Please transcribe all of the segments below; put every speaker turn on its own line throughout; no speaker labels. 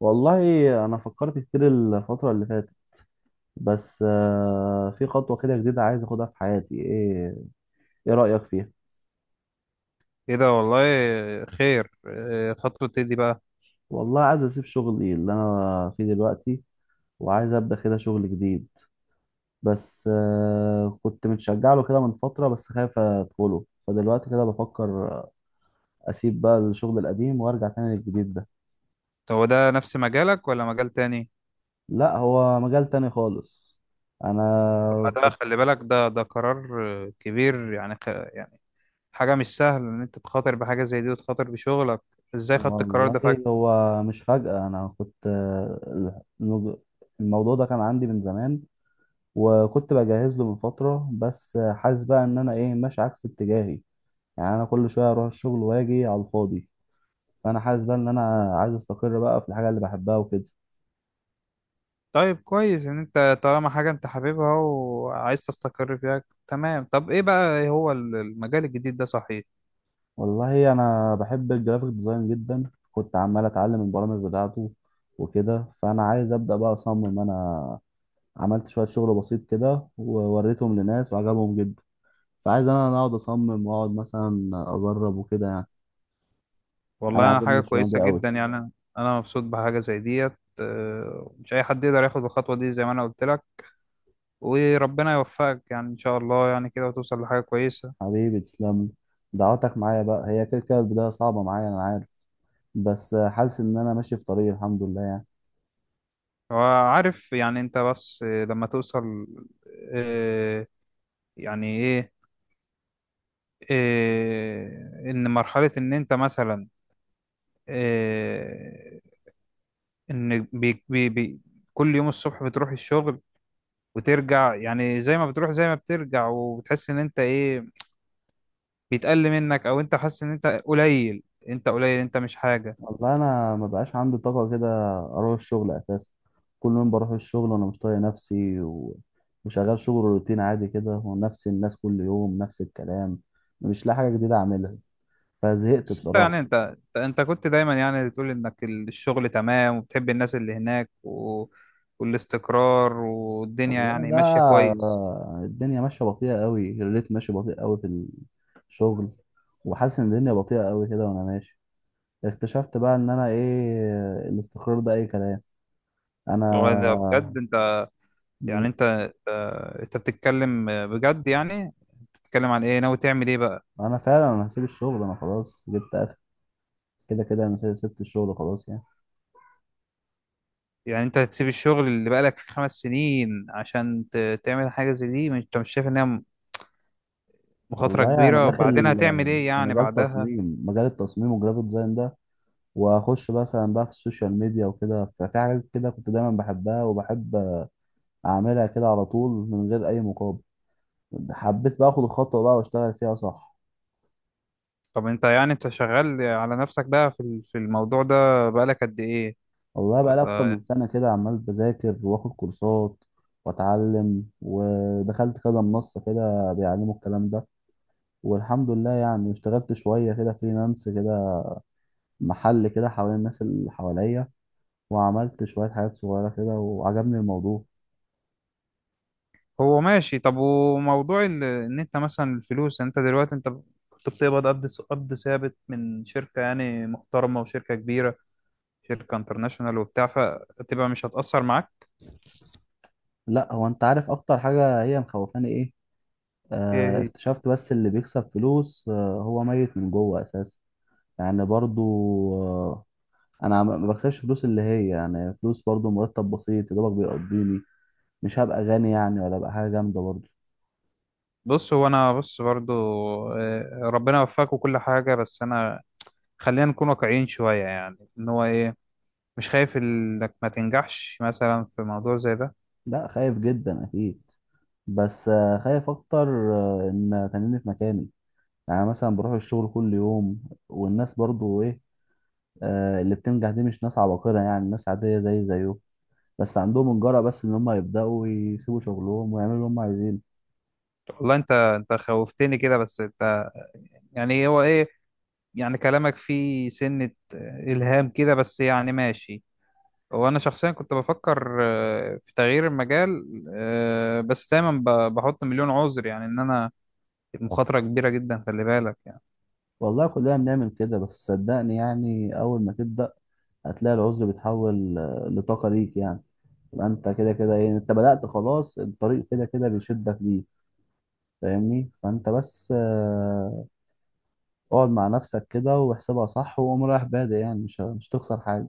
والله انا فكرت كتير الفتره اللي فاتت، بس في خطوه كده جديده عايز اخدها في حياتي، ايه، ايه رايك فيها؟
ايه ده؟ والله خير. إيه خطوة ايه دي بقى؟
والله عايز اسيب شغلي اللي انا فيه دلوقتي، وعايز ابدا كده شغل جديد. بس كنت متشجع له كده من فتره، بس خايف ادخله، فدلوقتي كده بفكر اسيب بقى الشغل القديم وارجع تاني للجديد ده.
طب هو ده نفس مجالك ولا مجال تاني؟
لا، هو مجال تاني خالص. انا
طب ما ده خلي بالك، ده قرار، كبير يعني، يعني حاجة مش سهلة ان انت تخاطر بحاجة زي دي وتخاطر بشغلك. ازاي خدت القرار ده
والله
فجأة؟
هو مش فجأة، أنا كنت الموضوع ده كان عندي من زمان، وكنت بجهز له من فترة، بس حاسس بقى إن أنا إيه ماشي عكس اتجاهي. يعني أنا كل شوية أروح الشغل وأجي على الفاضي، فأنا حاسس بقى إن أنا عايز أستقر بقى في الحاجة اللي بحبها وكده.
طيب كويس ان انت طالما حاجة انت حاببها وعايز تستقر فيها، تمام. طب ايه بقى هو المجال الجديد ده، صحيح؟
والله أنا بحب الجرافيك ديزاين جدا، كنت عمال أتعلم البرامج بتاعته وكده، فأنا عايز أبدأ بقى أصمم. أنا عملت شوية شغل بسيط كده ووريتهم لناس وعجبهم جدا، فعايز انا اقعد اصمم، واقعد مثلا اجرب وكده يعني.
والله
انا
انا،
عاجبني
حاجة
الشغلانه دي
كويسة
قوي.
جدا يعني. انا مبسوط بحاجة زي ديت. مش اي حد يقدر ياخد الخطوة دي زي ما انا قلت لك، وربنا يوفقك يعني ان شاء الله يعني كده، وتوصل لحاجة كويسة.
حبيبي تسلم لي. دعواتك معايا بقى، هي كده كده البدايه صعبه معايا، انا عارف. بس حاسس ان انا ماشي في طريق، الحمد لله يعني.
وعارف يعني انت، بس لما توصل، آه، يعني ايه، ان مرحلة ان انت مثلا، آه، ان بي بي بي كل يوم الصبح بتروح الشغل وترجع، يعني زي ما بتروح زي ما بترجع، وبتحس ان انت ايه، بيتقل منك، او انت حاسس ان انت قليل، انت قليل، انت مش حاجة.
والله انا ما بقاش عندي طاقه كده اروح الشغل اساسا. كل يوم بروح الشغل وانا مش طايق نفسي، وشغال شغل روتين عادي كده، ونفس الناس كل يوم نفس الكلام، مش لاقي حاجه جديده اعملها، فزهقت
بس انت
بصراحه.
يعني انت كنت دايما يعني بتقول انك الشغل تمام وبتحب الناس اللي هناك و... والاستقرار والدنيا
والله
يعني
ده،
ماشية كويس.
الدنيا ماشيه بطيئه قوي، الريت ماشي بطيء قوي في الشغل، وحاسس ان الدنيا بطيئه قوي كده وانا ماشي. اكتشفت بقى ان انا ايه، الاستقرار ده اي كلام.
هو ده بجد
انا
انت، يعني انت بتتكلم بجد يعني، بتتكلم عن ايه؟ ناوي تعمل ايه بقى؟
انا فعلا هسيب الشغل، انا خلاص جبت اخر. كده كده انا سبت الشغل خلاص يعني.
يعني انت هتسيب الشغل اللي بقالك فيه 5 سنين عشان تعمل حاجة زي دي؟ انت مش شايف انها مخاطرة
والله انا
كبيرة؟
داخل
بعدين هتعمل ايه
في
يعني بعدها؟
مجال التصميم والجرافيك ديزاين ده، واخش مثلا بقى في السوشيال ميديا وكده، ففي حاجات كده كنت دايما بحبها وبحب اعملها كده على طول من غير اي مقابل. حبيت بقى اخد الخطوه بقى واشتغل فيها، صح.
طب انت يعني انت شغال على نفسك بقى في في الموضوع ده بقالك قد ايه؟
والله بقى لي اكتر
ولا
من سنه كده عمال بذاكر واخد كورسات واتعلم، ودخلت كذا منصه كده بيعلموا الكلام ده. والحمد لله يعني اشتغلت شويه كده فريلانس كده، محل كده حوالين الناس اللي حواليا، وعملت شويه حاجات صغيره كده وعجبني الموضوع.
هو ماشي؟ طب وموضوع ان انت مثلا الفلوس، انت دلوقتي انت كنت بتقبض قبض قبض ثابت من شركة يعني محترمة وشركة كبيرة، شركة انترناشونال وبتاع، فتبقى مش هتأثر معاك؟
لا، هو انت عارف اكتر حاجه هي مخوفاني ايه؟
ايه هي؟
اكتشفت بس اللي بيكسب فلوس هو ميت من جوه اساسا. يعني برضو، آه، انا ما بكسبش فلوس اللي هي يعني فلوس، برضو مرتب بسيط يا دوبك بيقضيني. مش هبقى غني يعني، ولا هبقى حاجه جامده برضو.
بص، هو انا بص برضو، ربنا يوفقك وكل حاجة، بس انا خلينا نكون واقعيين شوية يعني، ان هو ايه، مش خايف انك ما تنجحش مثلا في موضوع زي ده؟
لا، خايف جدا اكيد. بس خايف اكتر، ان تنيني في مكاني. يعني مثلا بروح الشغل كل يوم، والناس برضو ايه، اللي بتنجح دي مش ناس عباقرة، يعني ناس عادية زي زيه، بس عندهم الجرأة، بس ان هم يبدأوا يسيبوا شغلهم ويعملوا اللي هم عايزينه.
والله انت خوفتني كده. بس انت يعني هو ايه، يعني كلامك فيه سنة إلهام كده، بس يعني ماشي. هو أنا شخصيا كنت بفكر في تغيير المجال، بس دايما بحط مليون عذر يعني، إن أنا المخاطرة كبيرة جدا، خلي بالك يعني.
والله كلنا بنعمل كده، بس صدقني يعني أول ما تبدأ هتلاقي العذر بيتحول لطاقة ليك يعني. يبقى أنت كده كده إيه، أنت بدأت خلاص، الطريق كده كده بيشدك ليه، فاهمني؟ فأنت بس اقعد مع نفسك كده واحسبها صح وقوم رايح بادئ، يعني مش تخسر حاجة.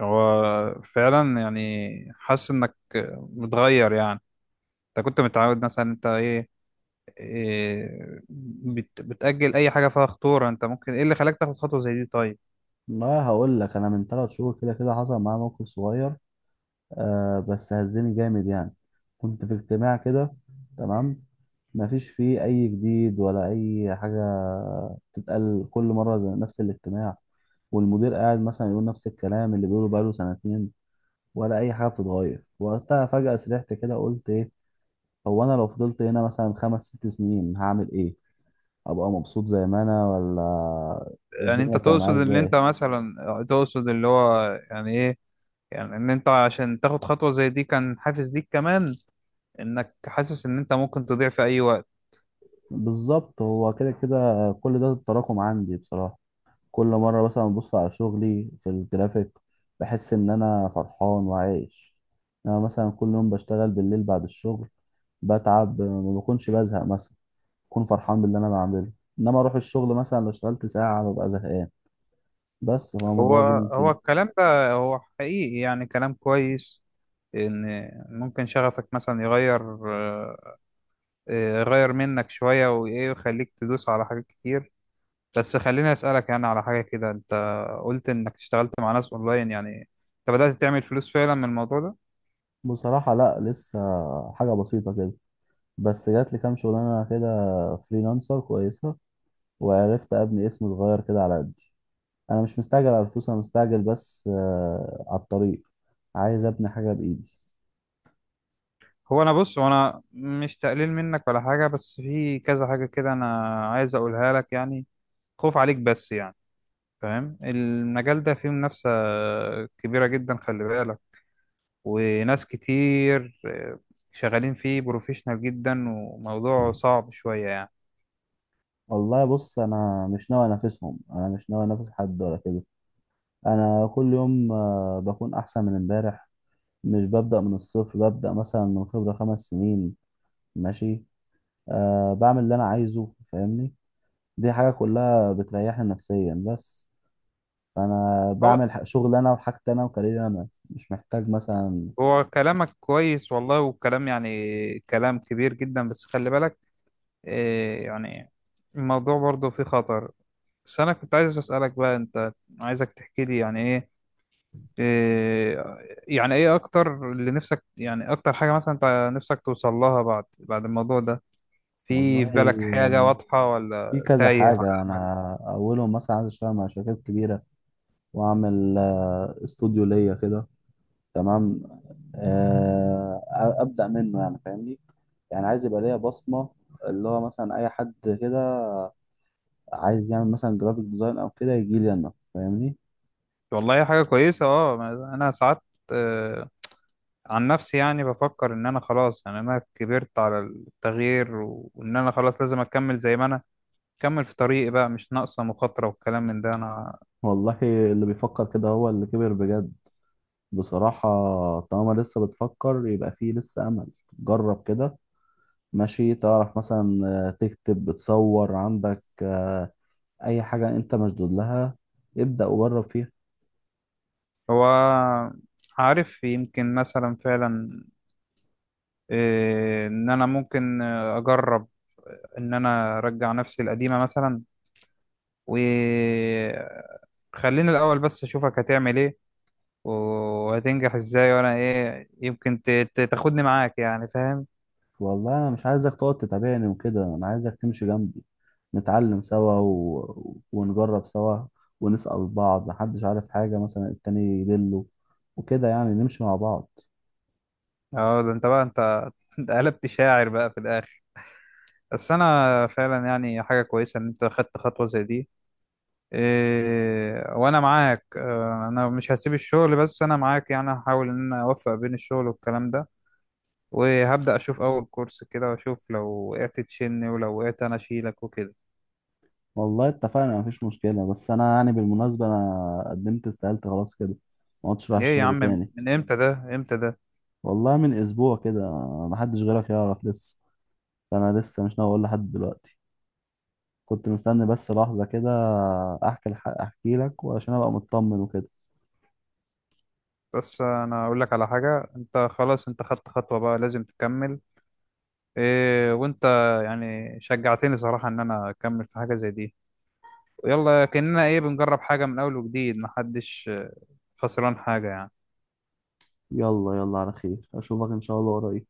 هو فعلا يعني حاسس إنك متغير يعني. أنت كنت متعود مثلا أنت إيه، إيه، بتأجل أي حاجة فيها خطورة. أنت ممكن إيه اللي خلاك تاخد خطوة زي دي طيب؟
والله هقول لك، أنا من 3 شهور كده كده حصل معايا موقف صغير، بس هزني جامد يعني. كنت في اجتماع كده، تمام، مفيش فيه أي جديد ولا أي حاجة تتقال كل مرة، زي نفس الاجتماع، والمدير قاعد مثلا يقول نفس الكلام اللي بيقوله بقاله سنتين، ولا أي حاجة بتتغير. وقتها فجأة سرحت كده، قلت إيه، هو أنا لو فضلت هنا مثلا خمس ست سنين هعمل إيه؟ أبقى مبسوط زي ما أنا، ولا
يعني أنت
الدنيا تبقى
تقصد
معايا
اللي أنت
إزاي؟
مثلا تقصد اللي هو يعني إيه، يعني ان انت عشان تاخد خطوة زي دي كان حافز ليك كمان انك حاسس ان انت ممكن تضيع في اي وقت؟
بالظبط، هو كده كده كل ده التراكم عندي بصراحة. كل مرة مثلا ببص على شغلي في الجرافيك بحس إن أنا فرحان وعايش. أنا مثلا كل يوم بشتغل بالليل بعد الشغل، بتعب ما بكونش بزهق مثلا، بكون فرحان باللي أنا بعمله. إنما أروح الشغل مثلا لو اشتغلت ساعة ببقى زهقان. بس هو
هو
الموضوع جه من
هو
كده.
الكلام ده هو حقيقي يعني كلام كويس، ان ممكن شغفك مثلا يغير، آه، يغير منك شوية، وايه، ويخليك تدوس على حاجات كتير. بس خليني اسألك يعني على حاجة كده، انت قلت انك اشتغلت مع ناس اونلاين يعني، انت بدأت تعمل فلوس فعلا من الموضوع ده؟
بصراحة لأ، لسه حاجة بسيطة كده. بس جاتلي كام شغلانة كده فريلانسر كويسة، وعرفت أبني اسم صغير كده على قدي. انا مش مستعجل على الفلوس، انا مستعجل بس على الطريق. عايز ابني حاجه بايدي.
هو انا بص، وانا مش تقليل منك ولا حاجة، بس في كذا حاجة كده انا عايز اقولها لك يعني، خوف عليك بس يعني. فاهم المجال ده فيه منافسة كبيرة جدا، خلي بالك، وناس كتير شغالين فيه بروفيشنال جدا، وموضوع صعب شوية يعني.
والله بص، انا مش ناوي انافسهم، انا مش ناوي انافس حد ولا كده. انا كل يوم بكون احسن من امبارح. مش ببدا من الصفر، ببدا مثلا من خبره 5 سنين. ماشي، بعمل اللي انا عايزه، فاهمني. دي حاجه كلها بتريحني نفسيا بس. فانا
هو
بعمل شغل انا وحاجتي انا وكاريري انا، مش محتاج مثلا.
هو كلامك كويس والله، والكلام يعني كلام كبير جدا، بس خلي بالك يعني، الموضوع برضه فيه خطر. بس أنا كنت عايز أسألك بقى، أنت عايزك تحكي لي يعني إيه، آه، يعني إيه أكتر اللي نفسك، يعني أكتر حاجة مثلا أنت نفسك توصل لها بعد الموضوع ده، في
والله
في بالك حاجة واضحة ولا
في كذا
تايه على
حاجة
أمل؟
أنا أولهم مثلا عايز أشتغل مع شركات كبيرة، وأعمل استوديو ليا كده، تمام، آه، أبدأ منه يعني فاهمني. يعني عايز يبقى ليا بصمة، اللي هو مثلا أي حد كده عايز يعمل مثلا جرافيك ديزاين أو كده يجي لي أنا، فاهمني.
والله، حاجة كويسة. اه، أنا ساعات آه، عن نفسي يعني بفكر إن أنا خلاص يعني، أنا كبرت على التغيير، وإن أنا خلاص لازم أكمل زي ما أنا، أكمل في طريقي بقى، مش ناقصة مخاطرة والكلام من ده أنا.
والله اللي بيفكر كده هو اللي كبر بجد، بصراحة. طالما لسه بتفكر، يبقى فيه لسه أمل. جرب كده، ماشي، تعرف مثلا تكتب، بتصور عندك اي حاجه انت مشدود لها، ابدا وجرب فيها.
هو، عارف يمكن مثلا فعلا إن أنا ممكن أجرب إن أنا أرجع نفسي القديمة مثلا، و خليني الأول بس أشوفك هتعمل إيه، وهتنجح ازاي، وانا ايه يمكن تاخدني معاك يعني، فاهم.
والله انا مش عايزك تقعد تتابعني وكده، انا عايزك تمشي جنبي، نتعلم سوا ونجرب سوا، ونسأل بعض، محدش عارف حاجه مثلا التاني يدله، وكده يعني نمشي مع بعض.
اه ده انت بقى انت انت قلبت شاعر بقى في الاخر. بس انا فعلا يعني حاجه كويسه ان انت خدت خطوه زي دي. إيه وانا معاك، انا مش هسيب الشغل، بس انا معاك يعني، هحاول ان انا اوفق بين الشغل والكلام ده. وهبدا اشوف اول كورس كده، واشوف لو وقعت تشيلني، ولو وقعت انا اشيلك وكده.
والله اتفقنا، مفيش مشكله، بس انا يعني بالمناسبه انا قدمت استقالتي خلاص كده، ما عدتش رايح
ايه يا
الشغل
عم؟
تاني.
من امتى ده؟ امتى ده؟
والله من اسبوع كده. محدش غيرك يعرف لسه، فانا لسه مش ناوي اقول لحد دلوقتي. كنت مستني بس لحظة كده أحكي لك، وعشان أبقى مطمن وكده.
بس انا اقول لك على حاجه، انت خلاص، انت خدت خطوه بقى لازم تكمل، إيه وانت يعني شجعتني صراحه ان انا اكمل في حاجه زي دي. يلا كاننا ايه بنجرب حاجه من اول وجديد، محدش خسران حاجه يعني.
يلا يلا على خير، أشوفك إن شاء الله قريب.